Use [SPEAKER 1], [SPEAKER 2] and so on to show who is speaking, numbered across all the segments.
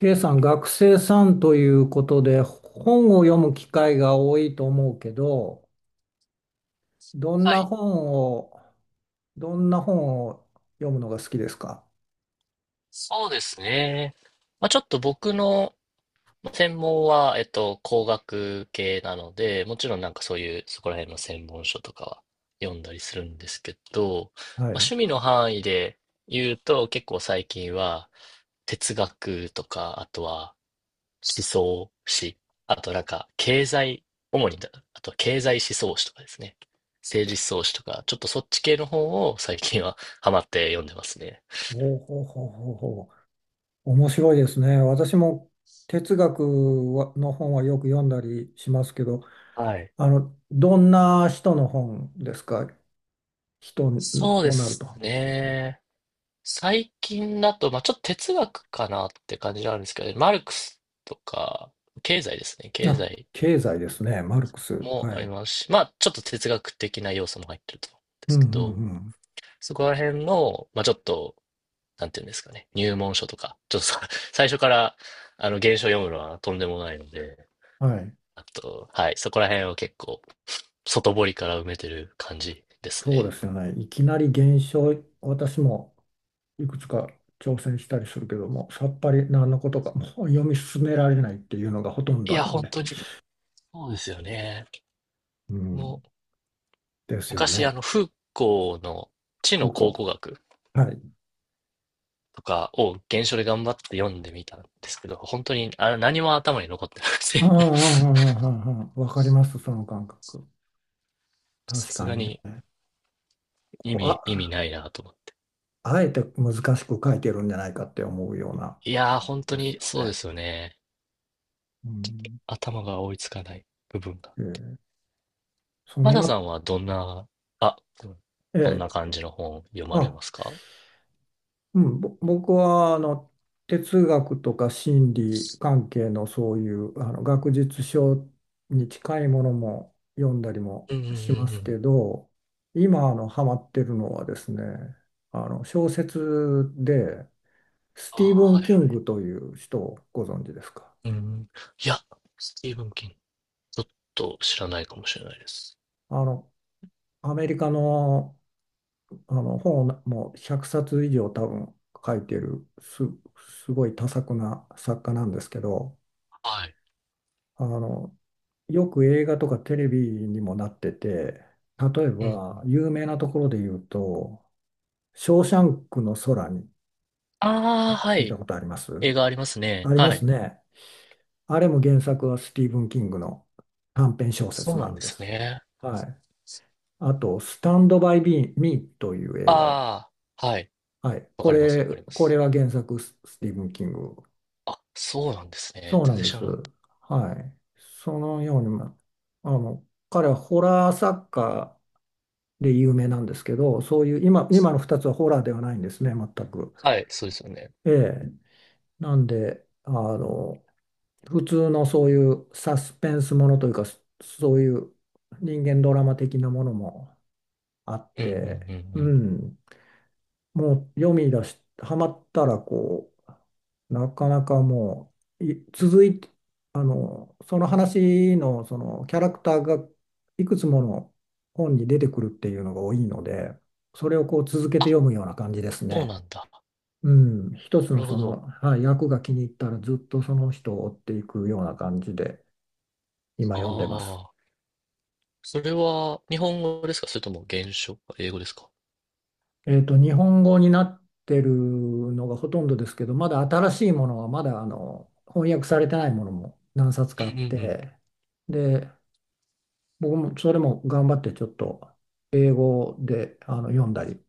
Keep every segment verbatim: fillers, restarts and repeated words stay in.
[SPEAKER 1] K さん、学生さんということで、本を読む機会が多いと思うけど、どん
[SPEAKER 2] は
[SPEAKER 1] な
[SPEAKER 2] い。
[SPEAKER 1] 本を、どんな本を読むのが好きですか？
[SPEAKER 2] そうですね。まあ、ちょっと僕の専門は、えっと、工学系なので、もちろんなんかそういう、そこら辺の専門書とかは読んだりするんですけど、
[SPEAKER 1] は
[SPEAKER 2] まあ、
[SPEAKER 1] い。
[SPEAKER 2] 趣味の範囲で言うと、結構最近は哲学とか、あとは思想史、あとなんか経済、主にだ、あとは経済思想史とかですね。政治思想史とか、ちょっとそっち系の本を最近はハマって読んでますね。
[SPEAKER 1] ほうほうほうほうほう。面白いですね。私も哲学の本はよく読んだりしますけど、
[SPEAKER 2] はい。
[SPEAKER 1] あの、どんな人の本ですか？人
[SPEAKER 2] そうで
[SPEAKER 1] となる
[SPEAKER 2] す
[SPEAKER 1] と。
[SPEAKER 2] ね。最近だと、まあちょっと哲学かなって感じなんですけどね、マルクスとか、経済ですね。経
[SPEAKER 1] あ、
[SPEAKER 2] 済
[SPEAKER 1] 経済ですね。マルクス。
[SPEAKER 2] も
[SPEAKER 1] は
[SPEAKER 2] あり
[SPEAKER 1] い。
[SPEAKER 2] ますし、まあちょっと哲学的な要素も入ってると思うんで
[SPEAKER 1] うん
[SPEAKER 2] す
[SPEAKER 1] う
[SPEAKER 2] けど、
[SPEAKER 1] ん
[SPEAKER 2] そこら辺の、まあちょっと、なんていうんですかね、入門書とか、ちょっとさ 最初から、あの、原書読むのはとんでもないので、
[SPEAKER 1] うん。はい。
[SPEAKER 2] あと、はい、そこら辺を結構、外堀から埋めてる感じです
[SPEAKER 1] そうで
[SPEAKER 2] ね。
[SPEAKER 1] すよね。いきなり減少、私もいくつか挑戦したりするけども、さっぱり何のことかもう読み進められないっていうのがほとん
[SPEAKER 2] い
[SPEAKER 1] ど
[SPEAKER 2] や、
[SPEAKER 1] なん
[SPEAKER 2] 本
[SPEAKER 1] で。
[SPEAKER 2] 当に、そうですよね。
[SPEAKER 1] う
[SPEAKER 2] も
[SPEAKER 1] ん、
[SPEAKER 2] う
[SPEAKER 1] ですよ
[SPEAKER 2] 昔、あ
[SPEAKER 1] ね。
[SPEAKER 2] の、フーコーの知の
[SPEAKER 1] う
[SPEAKER 2] 考古
[SPEAKER 1] こ。
[SPEAKER 2] 学
[SPEAKER 1] はい。
[SPEAKER 2] とかを原書で頑張って読んでみたんですけど、本当にあれ何も頭に残ってなくて
[SPEAKER 1] ああ、ああ、ああ、ああ、わかります、その感覚。
[SPEAKER 2] さ
[SPEAKER 1] 確
[SPEAKER 2] す
[SPEAKER 1] か
[SPEAKER 2] が
[SPEAKER 1] にね。
[SPEAKER 2] に意
[SPEAKER 1] こう
[SPEAKER 2] 味、意味
[SPEAKER 1] あ、
[SPEAKER 2] ないなと思って。
[SPEAKER 1] あえて難しく書いてるんじゃないかって思うような
[SPEAKER 2] い
[SPEAKER 1] 感
[SPEAKER 2] やー、
[SPEAKER 1] じ
[SPEAKER 2] 本当
[SPEAKER 1] です
[SPEAKER 2] に
[SPEAKER 1] よ
[SPEAKER 2] そうで
[SPEAKER 1] ね。
[SPEAKER 2] すよね。
[SPEAKER 1] うん、
[SPEAKER 2] 頭が追いつかない部分が。
[SPEAKER 1] ええ、そ
[SPEAKER 2] マ
[SPEAKER 1] の
[SPEAKER 2] ダ
[SPEAKER 1] 中、
[SPEAKER 2] さんはどんな、あ、どんな
[SPEAKER 1] ええ、
[SPEAKER 2] 感じの本を読まれま
[SPEAKER 1] あ、
[SPEAKER 2] すか？
[SPEAKER 1] うん、ぼ僕はあの哲学とか心理関係のそういうあの学術書に近いものも読んだりも
[SPEAKER 2] うんうんうんう
[SPEAKER 1] しますけ
[SPEAKER 2] ん。
[SPEAKER 1] ど、今あのハマってるのはですね、あの小説でス
[SPEAKER 2] あ
[SPEAKER 1] ティーブ
[SPEAKER 2] あ、は
[SPEAKER 1] ン・
[SPEAKER 2] い
[SPEAKER 1] キ
[SPEAKER 2] は
[SPEAKER 1] ングという人をご存知ですか？
[SPEAKER 2] い。うん。いや、スティーブン・キング、ちょっと知らないかもしれないです。
[SPEAKER 1] あのアメリカの、あの本をもうひゃくさつ以上多分書いてるす、すごい多作な作家なんですけど、
[SPEAKER 2] はい。
[SPEAKER 1] あの、よく映画とかテレビにもなってて、例え
[SPEAKER 2] うんうん。
[SPEAKER 1] ば有名なところで言うと、ショーシャンクの空に、
[SPEAKER 2] ああ、は
[SPEAKER 1] 聞いた
[SPEAKER 2] い。
[SPEAKER 1] ことあります？
[SPEAKER 2] 映画ありますね。
[SPEAKER 1] ありま
[SPEAKER 2] は
[SPEAKER 1] す
[SPEAKER 2] い。
[SPEAKER 1] ね。あれも原作はスティーブン・キングの短編小
[SPEAKER 2] そ
[SPEAKER 1] 説
[SPEAKER 2] うな
[SPEAKER 1] な
[SPEAKER 2] ん
[SPEAKER 1] ん
[SPEAKER 2] で
[SPEAKER 1] で
[SPEAKER 2] す
[SPEAKER 1] す。
[SPEAKER 2] ね。
[SPEAKER 1] はい。あと、スタンド・バイ・ミーという映画。
[SPEAKER 2] ああ、はい。
[SPEAKER 1] はい。
[SPEAKER 2] わ
[SPEAKER 1] こ
[SPEAKER 2] かります、わ
[SPEAKER 1] れ、
[SPEAKER 2] かりま
[SPEAKER 1] これ
[SPEAKER 2] す。
[SPEAKER 1] は原作ススティーブン・キング。
[SPEAKER 2] あ、そうなんですね。
[SPEAKER 1] そうな
[SPEAKER 2] 全
[SPEAKER 1] ん
[SPEAKER 2] 然
[SPEAKER 1] で
[SPEAKER 2] 知ら
[SPEAKER 1] す。
[SPEAKER 2] なかっ
[SPEAKER 1] はい。そのように、まあの、彼はホラー作家で有名なんですけど、そういう今、今のふたつはホラーではないんですね、全く。
[SPEAKER 2] た。はい、そうですよね。
[SPEAKER 1] ええ、なんで、あの、普通のそういうサスペンスものというか、そそういう人間ドラマ的なものもあっ
[SPEAKER 2] うんうんうんう
[SPEAKER 1] て、う
[SPEAKER 2] ん。
[SPEAKER 1] ん、もう読み出し、ハマったらこう、なかなかもう、い続いて、あの、その話のそのキャラクターがいくつもの本に出てくるっていうのが多いので、それをこう続けて読むような感じです
[SPEAKER 2] そうな
[SPEAKER 1] ね。
[SPEAKER 2] んだ。
[SPEAKER 1] うん、一つ
[SPEAKER 2] な
[SPEAKER 1] の
[SPEAKER 2] るほ
[SPEAKER 1] その、
[SPEAKER 2] ど。
[SPEAKER 1] はい、役が気に入ったらずっとその人を追っていくような感じで今
[SPEAKER 2] あ
[SPEAKER 1] 読んでます。
[SPEAKER 2] あ、それは日本語ですか？それとも原書、英語ですか？
[SPEAKER 1] えっと、日本語になってるのがほとんどですけど、まだ新しいものは、まだあの翻訳されてないものも何冊
[SPEAKER 2] う
[SPEAKER 1] か
[SPEAKER 2] ん
[SPEAKER 1] あ
[SPEAKER 2] う
[SPEAKER 1] っ
[SPEAKER 2] んうん。
[SPEAKER 1] て、で、僕もそれも頑張ってちょっと英語であの読んだり、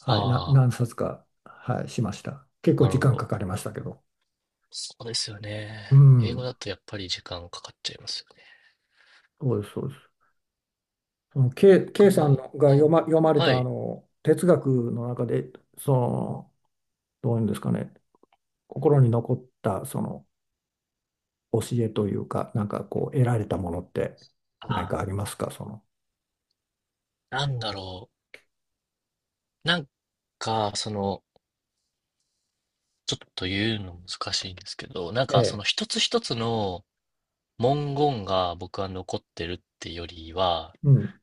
[SPEAKER 1] はい、な、
[SPEAKER 2] あ
[SPEAKER 1] 何冊か、はい、しました。結
[SPEAKER 2] あ、
[SPEAKER 1] 構
[SPEAKER 2] なる
[SPEAKER 1] 時
[SPEAKER 2] ほ
[SPEAKER 1] 間か
[SPEAKER 2] ど。
[SPEAKER 1] かりましたけど。
[SPEAKER 2] そうですよ
[SPEAKER 1] う
[SPEAKER 2] ね。英語
[SPEAKER 1] ん、
[SPEAKER 2] だとやっぱり時間かかっちゃいますよね。
[SPEAKER 1] そうです、そうです。その K、
[SPEAKER 2] 僕
[SPEAKER 1] K さんの
[SPEAKER 2] も、
[SPEAKER 1] が
[SPEAKER 2] うん。
[SPEAKER 1] 読ま、読まれ
[SPEAKER 2] は
[SPEAKER 1] たあ
[SPEAKER 2] い。
[SPEAKER 1] の哲学の中で、その、どういうんですかね、心に残ったその教えというか、なんかこう、得られたものって何
[SPEAKER 2] あ
[SPEAKER 1] かありますか、その。
[SPEAKER 2] あ、なんだろう。なんか、その、ちょっと言うの難しいんですけど、なん
[SPEAKER 1] え
[SPEAKER 2] かその
[SPEAKER 1] え。
[SPEAKER 2] 一つ一つの文言が僕は残ってるってよりは、
[SPEAKER 1] うん。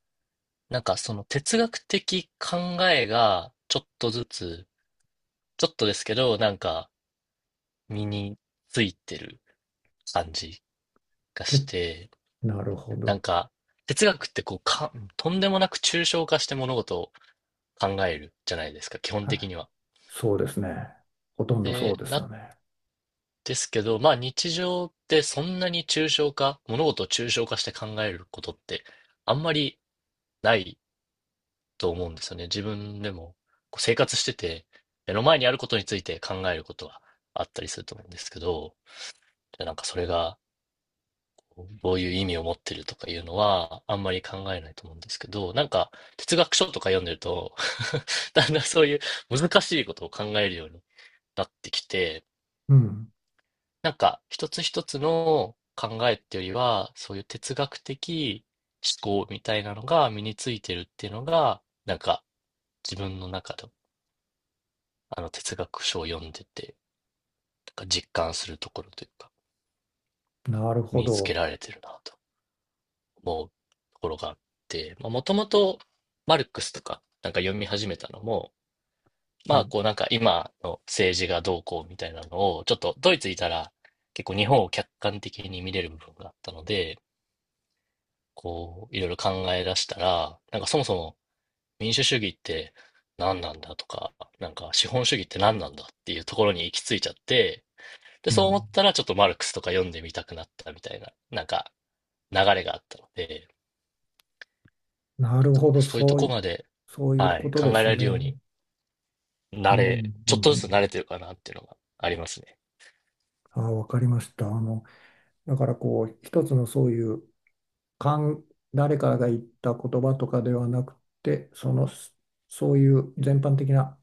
[SPEAKER 2] なんかその哲学的考えがちょっとずつ、ちょっとですけど、なんか身についてる感じがし
[SPEAKER 1] て、
[SPEAKER 2] て、
[SPEAKER 1] なるほ
[SPEAKER 2] な
[SPEAKER 1] ど。
[SPEAKER 2] んか哲学ってこうか、とんでもなく抽象化して物事を考えるじゃないですか、基本
[SPEAKER 1] はい。
[SPEAKER 2] 的には。
[SPEAKER 1] そうですね。ほとんどそ
[SPEAKER 2] で、
[SPEAKER 1] うですよ
[SPEAKER 2] な
[SPEAKER 1] ね。
[SPEAKER 2] ですけど、まあ日常ってそんなに抽象化、物事を抽象化して考えることってあんまりないと思うんですよね。自分でもこう生活してて、目の前にあることについて考えることはあったりすると思うんですけど、でなんかそれがどういう意味を持ってるとかいうのはあんまり考えないと思うんですけど、なんか哲学書とか読んでると だんだんそういう難しいことを考えるようになってきて、
[SPEAKER 1] うん。
[SPEAKER 2] なんか、一つ一つの考えっていうよりは、そういう哲学的思考みたいなのが身についてるっていうのが、なんか、自分の中の、あの哲学書を読んでて、なんか実感するところというか、
[SPEAKER 1] なるほ
[SPEAKER 2] 身につけ
[SPEAKER 1] ど。
[SPEAKER 2] られてるなと思うところがあって、まあ、もともとマルクスとか、なんか読み始めたのも、
[SPEAKER 1] は
[SPEAKER 2] まあ、
[SPEAKER 1] い。
[SPEAKER 2] こうなんか今の政治がどうこうみたいなのを、ちょっとドイツいたら結構日本を客観的に見れる部分があったので、こう、いろいろ考え出したら、なんかそもそも民主主義って何なんだとか、なんか資本主義って何なんだっていうところに行き着いちゃって、で、
[SPEAKER 1] う
[SPEAKER 2] そう
[SPEAKER 1] ん。
[SPEAKER 2] 思ったらちょっとマルクスとか読んでみたくなったみたいな、なんか流れがあったので、
[SPEAKER 1] なるほど。
[SPEAKER 2] そういうと
[SPEAKER 1] そうい
[SPEAKER 2] こ
[SPEAKER 1] う、
[SPEAKER 2] まで、
[SPEAKER 1] そういう
[SPEAKER 2] は
[SPEAKER 1] こ
[SPEAKER 2] い、
[SPEAKER 1] と
[SPEAKER 2] 考え
[SPEAKER 1] で
[SPEAKER 2] ら
[SPEAKER 1] す
[SPEAKER 2] れるよう
[SPEAKER 1] ね。
[SPEAKER 2] に
[SPEAKER 1] う
[SPEAKER 2] なれ、
[SPEAKER 1] ん。う
[SPEAKER 2] ちょ
[SPEAKER 1] ん
[SPEAKER 2] っと
[SPEAKER 1] う
[SPEAKER 2] ずつ慣
[SPEAKER 1] ん。
[SPEAKER 2] れてるかなっていうのがありますね。
[SPEAKER 1] ああ、わかりました。あの、だからこう、一つのそういうかん、誰かが言った言葉とかではなくて、その、そういう全般的な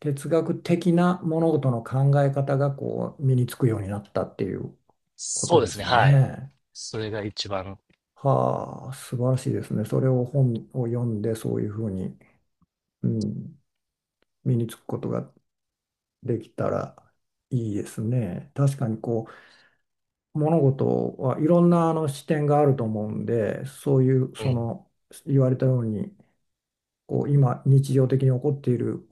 [SPEAKER 1] 哲学的な物事の考え方がこう身につくようになったっていうこ
[SPEAKER 2] そ
[SPEAKER 1] と
[SPEAKER 2] うで
[SPEAKER 1] で
[SPEAKER 2] すね、
[SPEAKER 1] すよ
[SPEAKER 2] はい。
[SPEAKER 1] ね。
[SPEAKER 2] それが一番、
[SPEAKER 1] はあ、素晴らしいですね。それを本を読んでそういうふうに、うん、身につくことができたらいいですね。確かにこう物事はいろんなあの視点があると思うんで、そういう
[SPEAKER 2] う
[SPEAKER 1] そ
[SPEAKER 2] ん、
[SPEAKER 1] の言われたようにこう今日常的に起こっている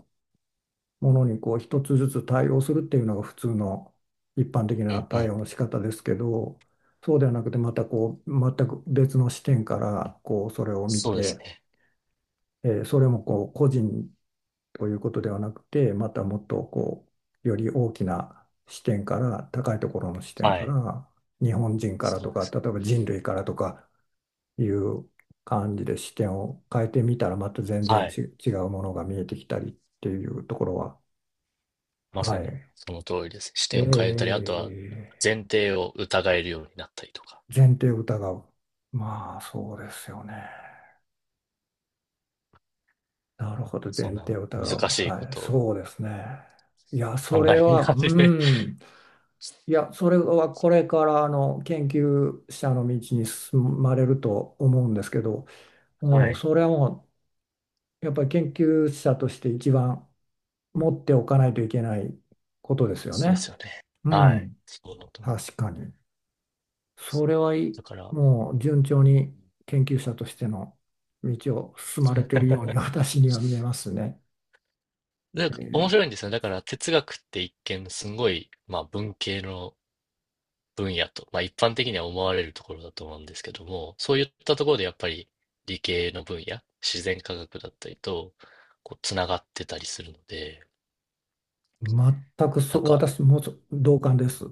[SPEAKER 1] ものにこう一つずつ対応するっていうのが普通の一般的
[SPEAKER 2] う
[SPEAKER 1] な
[SPEAKER 2] ん、う
[SPEAKER 1] 対
[SPEAKER 2] ん。
[SPEAKER 1] 応の仕方ですけど、そうではなくてまたこう全く別の視点からこうそれを見
[SPEAKER 2] そうです
[SPEAKER 1] て、
[SPEAKER 2] ね。
[SPEAKER 1] えー、それもこう個人ということではなくてまたもっとこうより大きな視点から高いところの視点
[SPEAKER 2] は
[SPEAKER 1] か
[SPEAKER 2] い。
[SPEAKER 1] ら日本人から
[SPEAKER 2] そ
[SPEAKER 1] と
[SPEAKER 2] うで
[SPEAKER 1] か
[SPEAKER 2] す
[SPEAKER 1] 例えば人類からとかいう感じで視点を変えてみたらまた全
[SPEAKER 2] ね。は
[SPEAKER 1] 然ち
[SPEAKER 2] い。
[SPEAKER 1] 違うものが見えてきたりっていうところは、
[SPEAKER 2] ま
[SPEAKER 1] は
[SPEAKER 2] さに
[SPEAKER 1] い。
[SPEAKER 2] その通りです。視点
[SPEAKER 1] え
[SPEAKER 2] を変えたり、あとは前提を疑えるようになったりとか、
[SPEAKER 1] ー、前提を疑う。まあそうですよね。なるほど、
[SPEAKER 2] そ
[SPEAKER 1] 前
[SPEAKER 2] んな
[SPEAKER 1] 提を疑う。
[SPEAKER 2] 難しいこ
[SPEAKER 1] はい、
[SPEAKER 2] とを
[SPEAKER 1] そうですね。いや、そ
[SPEAKER 2] 考
[SPEAKER 1] れ
[SPEAKER 2] え
[SPEAKER 1] は、
[SPEAKER 2] 始め。
[SPEAKER 1] うん。いや、それはこれからあの研究者の道に進まれると思うんですけど、
[SPEAKER 2] は
[SPEAKER 1] もう
[SPEAKER 2] い。
[SPEAKER 1] それはもうやっぱり研究者として一番持っておかないといけないことですよ
[SPEAKER 2] そうです
[SPEAKER 1] ね。
[SPEAKER 2] よね。
[SPEAKER 1] う
[SPEAKER 2] はい。
[SPEAKER 1] ん、
[SPEAKER 2] そうだと思いま
[SPEAKER 1] 確かに。そ
[SPEAKER 2] す。
[SPEAKER 1] れはいい、
[SPEAKER 2] だから、
[SPEAKER 1] もう順調に研究者としての道を進まれているように私には見えますね。
[SPEAKER 2] なん
[SPEAKER 1] え
[SPEAKER 2] か面白
[SPEAKER 1] ー、
[SPEAKER 2] いんですよね。だから哲学って一見すごい、まあ文系の分野と、まあ一般的には思われるところだと思うんですけども、そういったところでやっぱり理系の分野、自然科学だったりと、こう、つながってたりするので、
[SPEAKER 1] 全く
[SPEAKER 2] な
[SPEAKER 1] そ
[SPEAKER 2] ん
[SPEAKER 1] う、
[SPEAKER 2] か
[SPEAKER 1] 私もそ同感です。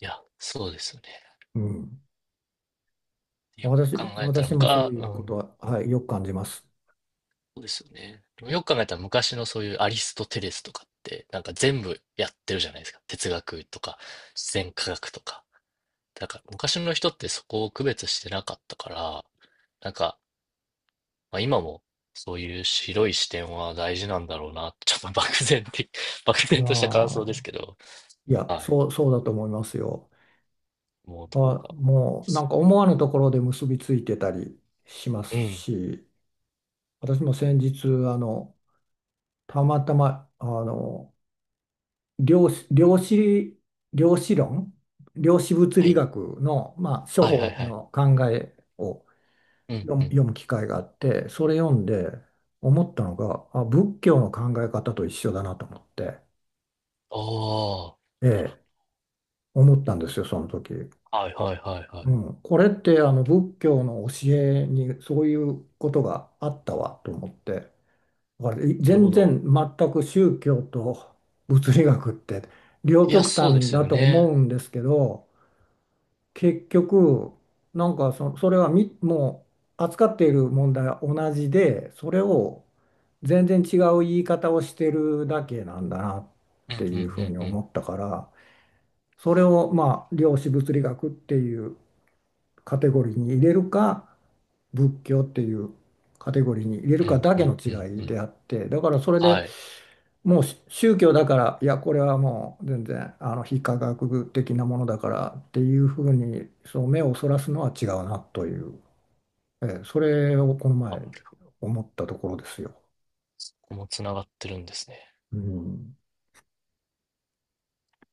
[SPEAKER 2] いや、そうですよね。
[SPEAKER 1] うん。
[SPEAKER 2] よく
[SPEAKER 1] 私、
[SPEAKER 2] 考えたら、
[SPEAKER 1] 私
[SPEAKER 2] む
[SPEAKER 1] もそ
[SPEAKER 2] か、
[SPEAKER 1] うい
[SPEAKER 2] う
[SPEAKER 1] うこと
[SPEAKER 2] ん、
[SPEAKER 1] は、はい、よく感じます。
[SPEAKER 2] そうですよね。でもよく考えたら昔のそういうアリストテレスとかって、なんか全部やってるじゃないですか。哲学とか、自然科学とか。だから昔の人ってそこを区別してなかったから、なんか、まあ、今もそういう広い視点は大事なんだろうな。ちょっと漠然的、漠
[SPEAKER 1] いや
[SPEAKER 2] 然とした感想
[SPEAKER 1] ー、
[SPEAKER 2] ですけど、
[SPEAKER 1] いや、
[SPEAKER 2] はい、
[SPEAKER 1] そう、そうだと思いますよ。
[SPEAKER 2] 思う
[SPEAKER 1] あ、
[SPEAKER 2] ところが。
[SPEAKER 1] もうなんか思わぬところで結びついてたりしま
[SPEAKER 2] う
[SPEAKER 1] す
[SPEAKER 2] ん。
[SPEAKER 1] し、私も先日、あの、たまたま、あの、量子、量子、量子論、量子物
[SPEAKER 2] は
[SPEAKER 1] 理
[SPEAKER 2] い。
[SPEAKER 1] 学の、まあ、初
[SPEAKER 2] はいはい
[SPEAKER 1] 歩
[SPEAKER 2] はい。
[SPEAKER 1] の考えを
[SPEAKER 2] うん
[SPEAKER 1] 読む、
[SPEAKER 2] うん。
[SPEAKER 1] 読む機会があって、それ読んで思ったのが、あ、仏教の考え方と一緒だなと思って、
[SPEAKER 2] ああ。
[SPEAKER 1] ええ、思ったんですよ、その時。
[SPEAKER 2] はいはいはいはい。な
[SPEAKER 1] うん、これってあの仏教の教えにそういうことがあったわと思って。だから
[SPEAKER 2] るほ
[SPEAKER 1] 全
[SPEAKER 2] ど。
[SPEAKER 1] 然全く宗教と物理学って両
[SPEAKER 2] いや、
[SPEAKER 1] 極
[SPEAKER 2] そうで
[SPEAKER 1] 端
[SPEAKER 2] す
[SPEAKER 1] だ
[SPEAKER 2] よ
[SPEAKER 1] と思
[SPEAKER 2] ね。
[SPEAKER 1] うんですけど、結局なんかそ、それはみもう扱っている問題は同じでそれを全然違う言い方をしてるだけなんだなっ
[SPEAKER 2] うんうん
[SPEAKER 1] て
[SPEAKER 2] う
[SPEAKER 1] いうふう
[SPEAKER 2] ん
[SPEAKER 1] に
[SPEAKER 2] う
[SPEAKER 1] 思
[SPEAKER 2] ん。
[SPEAKER 1] ったから、それをまあ量子物理学っていうカテゴリーに入れるか仏教っていうカテゴリーに入れる
[SPEAKER 2] う
[SPEAKER 1] か
[SPEAKER 2] ん
[SPEAKER 1] だ
[SPEAKER 2] う
[SPEAKER 1] けの
[SPEAKER 2] んうん
[SPEAKER 1] 違
[SPEAKER 2] う
[SPEAKER 1] い
[SPEAKER 2] ん。
[SPEAKER 1] であって、だからそれで
[SPEAKER 2] はい。
[SPEAKER 1] もうし宗教だから、いや、これはもう全然あの非科学的なものだからっていうふうにそう目をそらすのは違うなという、ええ、それをこの
[SPEAKER 2] あ
[SPEAKER 1] 前
[SPEAKER 2] る
[SPEAKER 1] 思ったところですよ。
[SPEAKER 2] そこもつながってるんですね。
[SPEAKER 1] うん。